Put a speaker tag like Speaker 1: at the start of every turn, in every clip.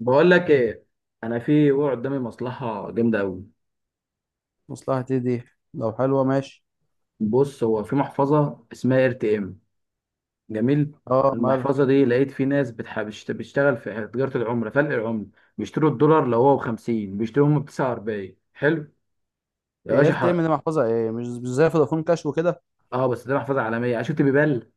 Speaker 1: بقول لك ايه. انا في وقع قدامي مصلحه جامده قوي.
Speaker 2: مصلحتي دي، لو حلوه ماشي.
Speaker 1: بص، هو في محفظه اسمها ار تي ام. جميل.
Speaker 2: اه، مالها؟
Speaker 1: المحفظه دي لقيت في ناس بتشتغل في تجاره العمله، فلق العمله. بيشتروا الدولار لو هو ب 50 بيشتروا هم ب 49. حلو. يا باشا
Speaker 2: ايرت ام دي محفظه ايه؟ مش زي فودافون كاش وكده.
Speaker 1: اه بس دي محفظه عالميه عشان شفت بيبال.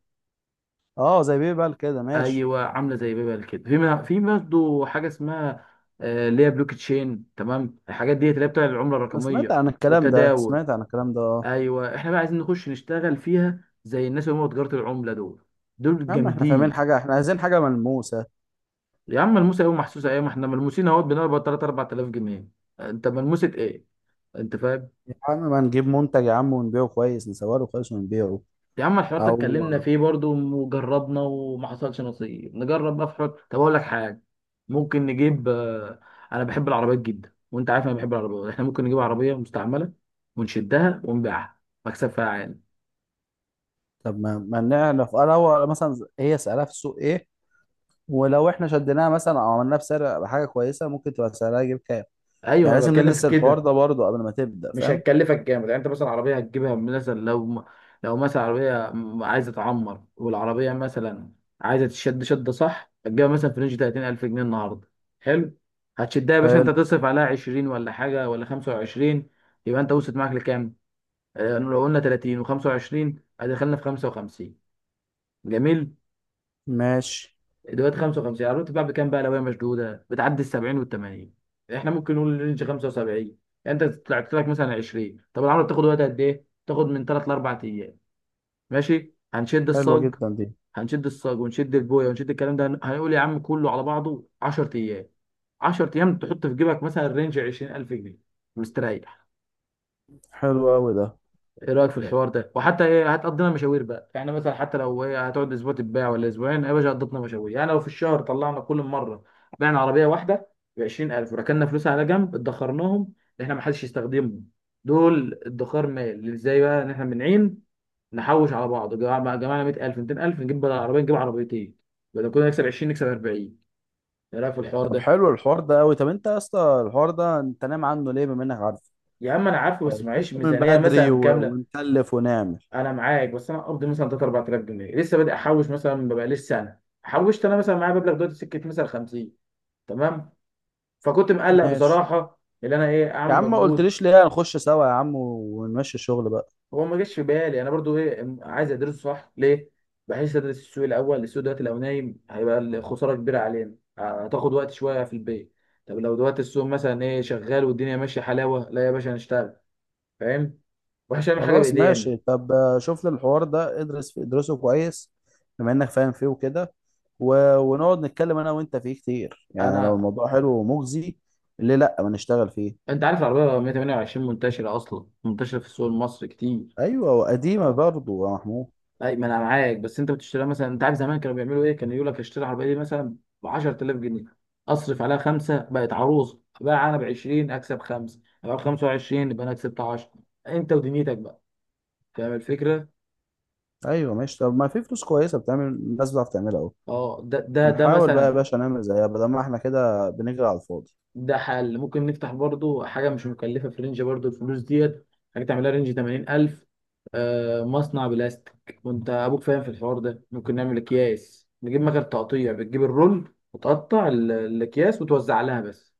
Speaker 2: اه، زي بيبال كده ماشي.
Speaker 1: ايوه، عامله زي بيبال كده. في برضه حاجه اسمها اللي هي بلوك تشين. تمام، الحاجات دي اللي هي بتاع العمله
Speaker 2: انا سمعت
Speaker 1: الرقميه
Speaker 2: عن الكلام ده،
Speaker 1: والتداول.
Speaker 2: سمعت عن الكلام ده، اه.
Speaker 1: ايوه احنا بقى عايزين نخش نشتغل فيها زي الناس اللي هم تجاره العمله دول. دول
Speaker 2: يا عم احنا فاهمين
Speaker 1: جامدين.
Speaker 2: حاجه، احنا عايزين حاجه ملموسه.
Speaker 1: يا عم ملموسه ايه ومحسوسه ايه، ما احنا ملموسين اهوت، بنقبض 3 4000 جنيه. انت ملموسه ايه؟ انت فاهم؟
Speaker 2: يا عم ما نجيب منتج يا عم، ونبيعه كويس، نصوره له كويس ونبيعه.
Speaker 1: يا عم الحوار ده
Speaker 2: او
Speaker 1: اتكلمنا فيه برضو وجربنا وما حصلش نصيب. نجرب بقى في حوار. طب اقول لك حاجه، ممكن نجيب انا بحب العربيات جدا وانت عارف انا بحب العربيات. احنا ممكن نجيب عربيه مستعمله ونشدها ونبيعها. مكسب فيها عالي.
Speaker 2: طب ما نعرف، اه، لو مثلا هي سعرها في السوق ايه، ولو احنا شديناها مثلا او عملناها بسعر حاجه كويسه ممكن تبقى سعرها يجيب كام. يعني
Speaker 1: ايوه انا
Speaker 2: لازم
Speaker 1: بتكلم في
Speaker 2: ندرس الحوار
Speaker 1: كده.
Speaker 2: ده برضه قبل ما تبدا،
Speaker 1: مش
Speaker 2: فاهم؟
Speaker 1: هتكلفك جامد يعني. انت مثلا عربيه هتجيبها مثلا، لو مثلا عربيه عايزه تعمر، والعربيه مثلا عايزه تشد شده، صح، هتجيبها مثلا في رينج 30000 جنيه النهارده. حلو. هتشدها يا باشا، انت
Speaker 2: حلو
Speaker 1: تصرف عليها 20 ولا حاجه ولا 25. يبقى انت وصلت معاك لكام؟ لو قلنا 30 و25 هدخلنا في 55. جميل.
Speaker 2: ماشي.
Speaker 1: دلوقتي 55 العربية بتتباع بكام بقى؟ لو هي مشدودة بتعدي ال 70 وال 80. احنا ممكن نقول رينج 75. يعني انت طلعت لك مثلا 20. طب العربية بتاخد وقت قد ايه؟ بتاخد من 3 ل 4 ايام. ماشي، هنشد
Speaker 2: حلوة
Speaker 1: الصاج.
Speaker 2: جدا دي.
Speaker 1: هنشد الصاج ونشد البوية ونشد الكلام ده، هنقول يا عم كله على بعضه 10 ايام. 10 ايام تحط في جيبك مثلا رينج 20000 جنيه. مستريح.
Speaker 2: حلو قوي ده.
Speaker 1: ايه رايك في الحوار ده؟ وحتى ايه، هتقضينا مشاوير بقى يعني. مثلا حتى لو ايه، هتقعد اسبوع تتباع ولا اسبوعين، أيوة يا باشا قضتنا مشاوير يعني. لو في الشهر طلعنا كل مره بعنا عربيه واحده ب 20000 وركننا فلوسها على جنب، ادخرناهم، اللي احنا ما حدش يستخدمهم. دول ادخار مال. ازاي بقى؟ ان احنا من عين نحوش على بعض، جمعنا 100000 200000 نجيب بدل عربيه نجيب عربيتين. بدل كنا نكسب 20 نكسب 40. ايه رايك في الحوار
Speaker 2: طب
Speaker 1: ده؟
Speaker 2: حلو الحوار ده قوي. طب انت يا اسطى الحوار ده انت نام عنه ليه بما انك عارف؟
Speaker 1: يا عم انا عارفه
Speaker 2: ما
Speaker 1: بس
Speaker 2: قلتليش
Speaker 1: معيش
Speaker 2: من
Speaker 1: ميزانيه
Speaker 2: بدري
Speaker 1: مثلا كامله.
Speaker 2: ونكلف ونعمل.
Speaker 1: انا معاك بس انا قبضي مثلا 3 4000 جنيه. لسه بادئ احوش مثلا. ببقى لسه سنه حوشت انا. مثلا معايا مبلغ دلوقتي سكه مثلا 50. تمام. فكنت مقلق
Speaker 2: ماشي.
Speaker 1: بصراحه ان انا ايه،
Speaker 2: يا
Speaker 1: اعمل
Speaker 2: عم ما
Speaker 1: مجهود.
Speaker 2: قلتليش ليه، هنخش سوا يا عم ونمشي الشغل بقى.
Speaker 1: هو ما جاش في بالي انا برضو. ايه، عايز ادرسه، صح ليه، بحيث ادرس السوق الاول. السوق دلوقتي لو نايم هيبقى الخساره كبيره علينا. هتاخد وقت شويه في البيت. طب لو دلوقتي السوق مثلا ايه شغال والدنيا ماشيه حلاوه، لا يا باشا هنشتغل. فاهم؟ واحنا مش هنعمل حاجه
Speaker 2: خلاص
Speaker 1: بايدينا.
Speaker 2: ماشي. طب شوف لي الحوار ده، ادرس فيه، ادرسه كويس بما انك فاهم فيه وكده، ونقعد نتكلم انا وانت فيه كتير. يعني لو
Speaker 1: انا،
Speaker 2: الموضوع حلو ومجزي، ليه لا ما نشتغل فيه؟
Speaker 1: انت عارف العربية 128 منتشرة، اصلا منتشرة في السوق المصري كتير.
Speaker 2: ايوه، وقديمة
Speaker 1: اه.
Speaker 2: برضه يا محمود.
Speaker 1: اي ما انا معاك، بس انت بتشتريها مثلا، انت عارف زمان كانوا بيعملوا ايه، كانوا يقول لك اشتري العربية دي مثلا ب 10000 جنيه، اصرف عليها خمسة، بقت عروسة، بقى انا ب 20، اكسب خمسة، ابقى ب 25، يبقى انا كسبت 10. انت ودنيتك بقى. فاهم الفكرة؟
Speaker 2: ايوه ماشي. طب ما في فلوس كويسه بتعمل، الناس بتعرف تعملها اهو.
Speaker 1: اه، ده
Speaker 2: هنحاول
Speaker 1: مثلا.
Speaker 2: بقى يا باشا نعمل زيها بدل ما احنا كده بنجري على الفاضي.
Speaker 1: ده حل. ممكن نفتح برضو حاجة مش مكلفة في رينج برضو الفلوس ديت. حاجة تعملها رينج 80000. آه، مصنع بلاستيك، وانت أبوك فاهم في الحوار ده. ممكن نعمل أكياس، نجيب مكان تقطيع، بتجيب الرول وتقطع الأكياس وتوزع لها بس.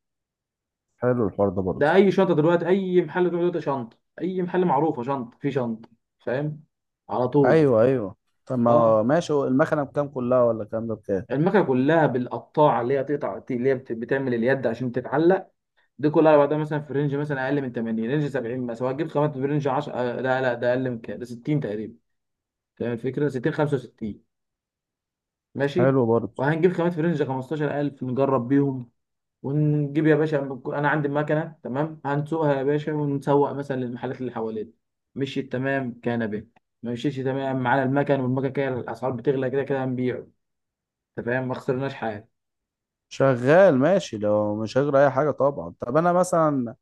Speaker 2: حلو الحوار ده برضه.
Speaker 1: ده أي شنطة دلوقتي، أي محل تروح دلوقتي شنطة، أي محل معروفة شنطة في شنطة. فاهم؟ على طول.
Speaker 2: ايوه ايوه. طب ما هو
Speaker 1: اه.
Speaker 2: ماشي، هو المكنه بكام كلها ولا الكلام ده بكام؟
Speaker 1: المكنة كلها بالقطاعة اللي هي تقطع، اللي هي بتعمل اليد عشان تتعلق. دي كلها على بعضها مثلا في رينج مثلا اقل من 80، رينج 70 مثلا. هتجيب خامات في رينج 10، لا لا، ده اقل من كده، ده 60 تقريبا. فاهم الفكره؟ 60، 65. ماشي.
Speaker 2: حلو برضه.
Speaker 1: وهنجيب خامات في رينج 15000 نجرب بيهم ونجيب يا باشا. انا عندي المكنه، تمام. هنسوقها يا باشا، ونسوق مثلا للمحلات اللي حوالينا، مشيت تمام كان به. ما مشيتش تمام معانا المكن، والمكن كده الاسعار بتغلى، كده كده هنبيعه. انت فاهم؟ ما خسرناش حاجه.
Speaker 2: شغال ماشي لو مش هجري اي حاجه طبعا. طب انا مثلا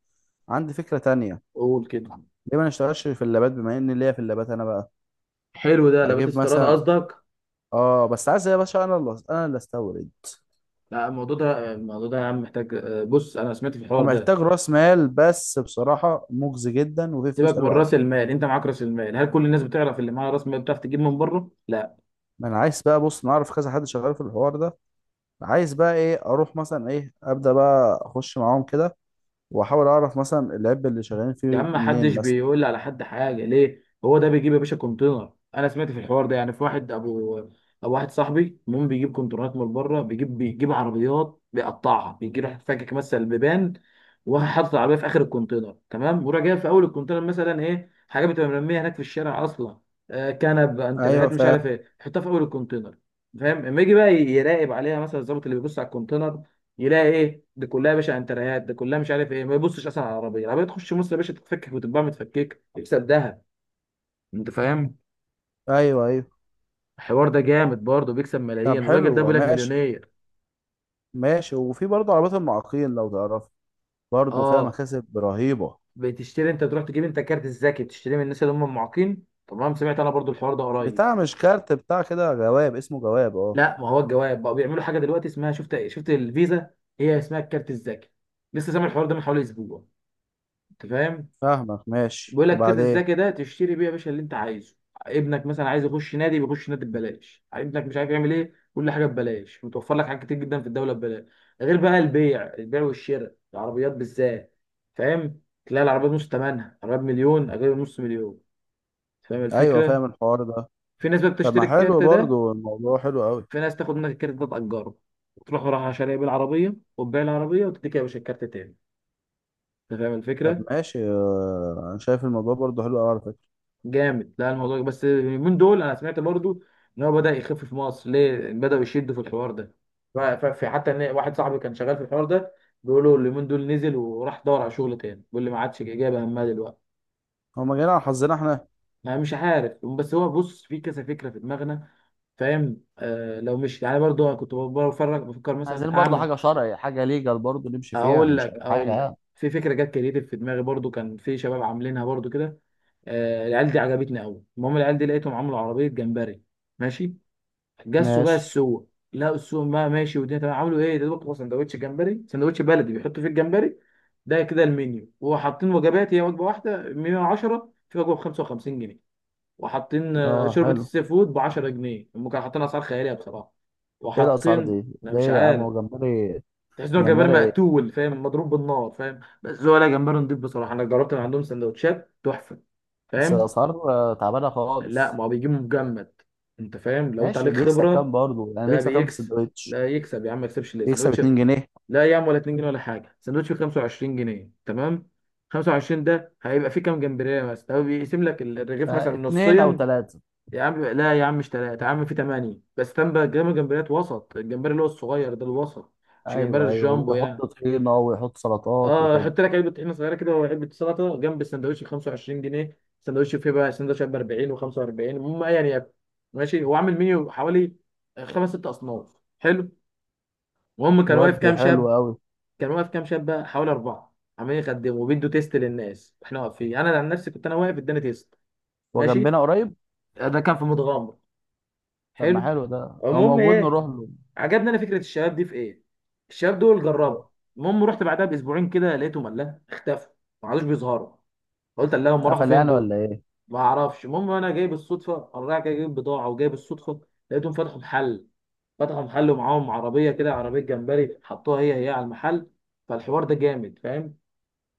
Speaker 2: عندي فكره تانية،
Speaker 1: قول كده.
Speaker 2: ليه ما نشتغلش في اللابات بما ان ليا في اللابات انا بقى؟
Speaker 1: حلو ده. لبات
Speaker 2: اجيب
Speaker 1: استيراد
Speaker 2: مثلا،
Speaker 1: قصدك؟
Speaker 2: اه، بس عايز يا باشا انا، اللي انا استورد،
Speaker 1: لا الموضوع ده الموضوع ده يا عم محتاج، بص انا سمعت في الحوار ده.
Speaker 2: ومحتاج راس مال، بس بصراحه مجزي جدا وفيه
Speaker 1: سيبك
Speaker 2: فلوس
Speaker 1: من
Speaker 2: حلوه قوي.
Speaker 1: راس المال، انت معاك راس المال. هل كل الناس بتعرف؟ اللي معاها راس مال بتعرف تجيب من بره؟ لا.
Speaker 2: ما انا عايز بقى، بص، نعرف كذا حد شغال في الحوار ده، عايز بقى ايه، اروح مثلا ايه، ابدا بقى، اخش معاهم كده واحاول اعرف مثلا العيب اللي شغالين
Speaker 1: يا
Speaker 2: فيه.
Speaker 1: عم
Speaker 2: منين
Speaker 1: محدش
Speaker 2: مثلا؟
Speaker 1: بيقول على حد حاجه. ليه؟ هو ده بيجيب يا باشا كونتينر. انا سمعت في الحوار ده يعني، في واحد ابو، ابو واحد صاحبي، المهم بيجيب كونتينرات من بره. بيجيب عربيات، بيقطعها، بيجي راح فاكك مثلا البيبان وحاطط العربيه في اخر الكونتينر، تمام، وراح جايب في اول الكونتينر مثلا ايه، حاجه بتبقى مرميه هناك في الشارع اصلا، آه، كنب،
Speaker 2: ايوه
Speaker 1: انتريهات، مش عارف ايه، يحطها في اول الكونتينر. فاهم؟ اما يجي بقى يراقب عليها مثلا الظابط اللي بيبص على الكونتينر، يلاقي ايه دي كلها يا باشا، انتريهات دي كلها مش عارف ايه، ما يبصش اصلا على العربيه. العربيه تخش مصر يا باشا، تتفكك وتتباع متفكك، يكسب ذهب. انت فاهم؟
Speaker 2: ايوه ايوه.
Speaker 1: الحوار ده جامد برضه، بيكسب
Speaker 2: طب
Speaker 1: ملايين الراجل ده،
Speaker 2: حلو
Speaker 1: بيقول لك
Speaker 2: ماشي.
Speaker 1: مليونير.
Speaker 2: ماشي، وفي برضه عربيات المعاقين لو تعرف، برضه فيها
Speaker 1: اه.
Speaker 2: مكاسب رهيبة.
Speaker 1: بتشتري انت، تروح تجيب انت كارت الذكي، تشتري من الناس اللي هم المعاقين. تمام، سمعت انا برضه الحوار ده قريب.
Speaker 2: بتاع، مش كارت، بتاع كده جواب، اسمه جواب، اه.
Speaker 1: لا ما هو الجواب بقى، بيعملوا حاجه دلوقتي اسمها، شفت الفيزا، هي اسمها الكارت الذكي. لسه سامع الحوار ده من حوالي اسبوع. انت فاهم؟
Speaker 2: فاهمك، ماشي،
Speaker 1: بيقول لك كارت
Speaker 2: وبعدين؟
Speaker 1: الذكي ده تشتري بيه يا باشا اللي انت عايزه. ابنك مثلا عايز يخش نادي، بيخش نادي ببلاش. ابنك مش عارف يعمل ايه، كل حاجه ببلاش. متوفر لك حاجات كتير جدا في الدوله ببلاش. غير بقى البيع، البيع والشراء العربيات بالذات. فاهم؟ تلاقي العربيات نص ثمنها. عربيات مليون اجيبها نص مليون. فاهم
Speaker 2: ايوه
Speaker 1: الفكره؟
Speaker 2: فاهم الحوار ده.
Speaker 1: في ناس بقى
Speaker 2: طب
Speaker 1: بتشتري
Speaker 2: ما حلو
Speaker 1: الكارت ده.
Speaker 2: برضه، الموضوع حلو قوي.
Speaker 1: في ناس تاخد منك الكارت ده، تأجره، وتروح رايح شاريه بالعربيه، وتبيع العربيه، وتديك يا باشا الكارت تاني. انت فاهم
Speaker 2: طب
Speaker 1: الفكره؟
Speaker 2: ماشي. انا شايف الموضوع برضه حلو قوي.
Speaker 1: جامد. لا الموضوع بس اليومين دول انا سمعت برضو ان هو بدأ يخف في مصر، ليه بدأوا يشدوا في الحوار ده. في حتى ان واحد صاحبي كان شغال في الحوار ده، بيقولوا اليومين دول نزل وراح دور على شغل تاني. بيقول لي ما عادش جايبه همها دلوقتي.
Speaker 2: هما جايين على حظنا احنا.
Speaker 1: انا مش عارف، بس هو بص، في كذا فكره في دماغنا. فاهم؟ آه، لو مش يعني برضو انا كنت بفرج بفكر
Speaker 2: عايزين
Speaker 1: مثلا
Speaker 2: برضه
Speaker 1: اعمل،
Speaker 2: حاجة شرعي، حاجة ليجال برضه نمشي فيها،
Speaker 1: اقول
Speaker 2: مش
Speaker 1: لك
Speaker 2: أي حاجة
Speaker 1: اقول لك،
Speaker 2: يعني.
Speaker 1: في فكره جت كريتيف في دماغي برضو. كان في شباب عاملينها برضو كده، آه، العيال دي عجبتني قوي. المهم العيال دي لقيتهم عملوا عربيه جمبري. ماشي. جسوا بقى
Speaker 2: ماشي.
Speaker 1: السوق، لقوا السوق بقى ماشي والدنيا تمام، عملوا ايه، ده بقى سندوتش جمبري، سندوتش بلدي بيحطوا فيه الجمبري. ده كده المنيو، وحاطين وجبات. هي وجبه واحده 110، في وجبه ب 55 جنيه، وحاطين
Speaker 2: اه
Speaker 1: شوربه
Speaker 2: حلو.
Speaker 1: السي فود ب 10 جنيه. هم كانوا حاطين اسعار خياليه بصراحه.
Speaker 2: ايه الأسعار
Speaker 1: وحاطين،
Speaker 2: دي؟
Speaker 1: انا
Speaker 2: ليه
Speaker 1: مش
Speaker 2: يا عم
Speaker 1: عارف،
Speaker 2: هو جمبري؟
Speaker 1: تحس ان هو جمبري
Speaker 2: جمبري ايه؟
Speaker 1: مقتول، فاهم، مضروب بالنار، فاهم، بس هو لا جمبري نضيف. بصراحه انا جربت من عندهم سندوتشات تحفه.
Speaker 2: بس
Speaker 1: فاهم؟
Speaker 2: الأسعار تعبانة
Speaker 1: لا
Speaker 2: خالص.
Speaker 1: ما هو بيجيبوا مجمد. انت فاهم؟ لو انت
Speaker 2: ماشي،
Speaker 1: عليك
Speaker 2: بيكسب كام
Speaker 1: خبره.
Speaker 2: برضه؟ يعني
Speaker 1: ده
Speaker 2: بيكسب كام في
Speaker 1: بيكسب.
Speaker 2: السندوتش؟
Speaker 1: لا يكسب يا عم، ما يكسبش ليه
Speaker 2: يكسب
Speaker 1: سندوتش؟
Speaker 2: 2 جنيه؟
Speaker 1: لا يا عم ولا 2 جنيه ولا حاجه. سندوتش ب 25 جنيه، تمام، 25 ده هيبقى فيه كام جمبريه مثلا؟ هو بيقسم لك الرغيف مثلا
Speaker 2: اتنين أو
Speaker 1: نصين.
Speaker 2: تلاتة؟
Speaker 1: يا عم لا يا عم مش ثلاثه يا عم، في ثمانيه بس تم بقى، جنب جمبريات وسط، الجمبري اللي هو الصغير ده، الوسط، مش جمبري
Speaker 2: أيوه أيوه،
Speaker 1: الجامبو
Speaker 2: بيحط
Speaker 1: يعني.
Speaker 2: طحينة ويحط سلطات
Speaker 1: اه.
Speaker 2: وكده.
Speaker 1: حط لك علبه طحينه صغيره كده وعلبه سلطه جنب السندوتش ب 25 جنيه. سندوتش فيه بقى سندوتش ب 40 و45. المهم يعني ياكل. ماشي. هو عامل منيو حوالي خمس ست اصناف. حلو. المهم كان
Speaker 2: ود
Speaker 1: واقف كام
Speaker 2: حلو
Speaker 1: شاب.
Speaker 2: أوي.
Speaker 1: كان واقف كام شاب بقى، حوالي اربعه، عمالين يخدموا وبيدوا تيست للناس. احنا واقفين، انا عن نفسي كنت انا واقف اداني تيست.
Speaker 2: هو
Speaker 1: ماشي.
Speaker 2: جنبنا قريب؟
Speaker 1: ده كان في متغمر.
Speaker 2: طب ما
Speaker 1: حلو.
Speaker 2: حلو ده، لو
Speaker 1: المهم
Speaker 2: موجود
Speaker 1: ايه،
Speaker 2: نروح له.
Speaker 1: عجبني انا فكره الشباب دي في ايه، الشباب دول جربوا. المهم رحت بعدها باسبوعين كده، لقيتهم الله اختفوا، ما عادوش بيظهروا. قلت اللهم راحوا
Speaker 2: قفل
Speaker 1: فين
Speaker 2: يعني
Speaker 1: دول؟
Speaker 2: ولا إيه؟
Speaker 1: ما اعرفش. المهم انا جاي بالصدفه، انا رايح جاي جايب بضاعه، وجاي بالصدفه، لقيتهم فتحوا محل. فتحوا محل ومعاهم عربيه كده، عربيه جمبري حطوها هي هي على المحل. فالحوار ده جامد، فاهم؟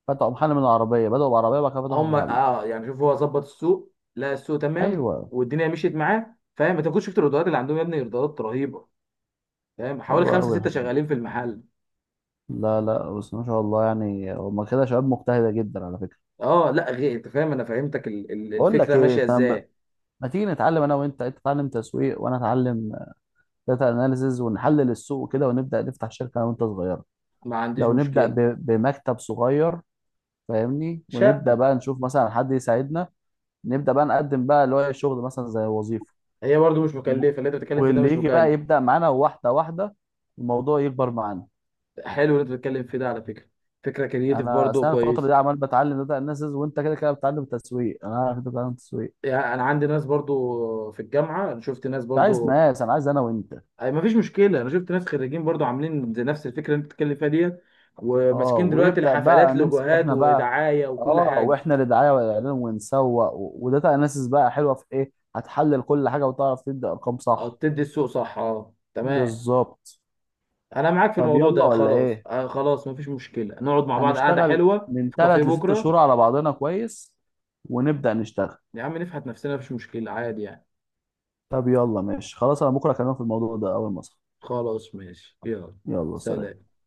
Speaker 2: فتحوا محل؟ من العربية بدأوا، بعربية، بعد كده فتحوا
Speaker 1: هم
Speaker 2: محل.
Speaker 1: اه، يعني شوف، هو ظبط السوق، لقى السوق تمام
Speaker 2: ايوه.
Speaker 1: والدنيا مشيت معاه. فاهم؟ انت كنت شفت الايرادات اللي عندهم يا ابني؟ ايرادات رهيبه. فاهم؟
Speaker 2: حلو
Speaker 1: حوالي خمسه
Speaker 2: قوي
Speaker 1: سته
Speaker 2: الحوار ده.
Speaker 1: شغالين في المحل.
Speaker 2: لا لا، بس ما شاء الله، يعني هما كده شباب مجتهده جدا على فكره.
Speaker 1: اه. لا غير، انت فاهم، انا فهمتك
Speaker 2: بقول لك
Speaker 1: الفكره
Speaker 2: ايه،
Speaker 1: ماشيه
Speaker 2: إحنا
Speaker 1: ازاي.
Speaker 2: ما تيجي نتعلم انا وانت، انت تتعلم تسويق وانا اتعلم داتا اناليسز، ونحلل السوق كده، ونبدا نفتح شركه انا وانت صغيره.
Speaker 1: ما عنديش
Speaker 2: لو نبدا
Speaker 1: مشكله.
Speaker 2: بمكتب صغير، فاهمني، ونبدا
Speaker 1: شقه.
Speaker 2: بقى نشوف مثلا حد يساعدنا، نبدا بقى نقدم بقى اللي هو الشغل مثلا زي وظيفه،
Speaker 1: هي برضه مش
Speaker 2: و-
Speaker 1: مكلفه اللي انت بتتكلم في ده.
Speaker 2: واللي
Speaker 1: مش
Speaker 2: يجي
Speaker 1: مكلف.
Speaker 2: بقى يبدا معانا واحده واحده، الموضوع يكبر معانا.
Speaker 1: حلو اللي انت بتتكلم في ده على فكره، فكره كرييتيف
Speaker 2: انا
Speaker 1: برضه،
Speaker 2: اصل انا الفتره
Speaker 1: كويس.
Speaker 2: دي عمال بتعلم داتا اناليسز، وانت كده كده بتتعلم تسويق، انا عارف انت بتتعلم تسويق.
Speaker 1: يعني انا عندي ناس برضو في الجامعه، أنا شفت ناس
Speaker 2: مش عايز
Speaker 1: برضو.
Speaker 2: ناس، انا عايز انا وانت.
Speaker 1: أي مفيش مشكله. انا شفت ناس خريجين برضو عاملين زي نفس الفكره اللي انت بتتكلم فيها ديت،
Speaker 2: اه،
Speaker 1: وماسكين دلوقتي
Speaker 2: ويبدا بقى
Speaker 1: الحفلات
Speaker 2: نمسك
Speaker 1: لوجوهات
Speaker 2: احنا بقى.
Speaker 1: ودعايه وكل
Speaker 2: اه،
Speaker 1: حاجه.
Speaker 2: واحنا اللي دعايه والاعلان ونسوق، وداتا اناليسز بقى حلوه في ايه، هتحلل كل حاجه وتعرف تدي ارقام
Speaker 1: اه،
Speaker 2: صح.
Speaker 1: تدي السوق صح، اه تمام.
Speaker 2: بالظبط.
Speaker 1: انا معاك في
Speaker 2: طب
Speaker 1: الموضوع
Speaker 2: يلا
Speaker 1: ده.
Speaker 2: ولا
Speaker 1: خلاص
Speaker 2: ايه؟
Speaker 1: آه خلاص، مفيش مشكله. نقعد مع بعض قعده
Speaker 2: هنشتغل
Speaker 1: حلوه
Speaker 2: من
Speaker 1: في كافيه
Speaker 2: ثلاث لست شهور
Speaker 1: بكره.
Speaker 2: على بعضنا كويس، ونبدا نشتغل.
Speaker 1: يا عم نفحت نفسنا، مفيش مشكله، عادي يعني.
Speaker 2: طب يلا ماشي، خلاص، انا بكره اكلمك في الموضوع ده اول ما اصحى.
Speaker 1: خلاص ماشي، يلا.
Speaker 2: يلا سلام.
Speaker 1: سلام.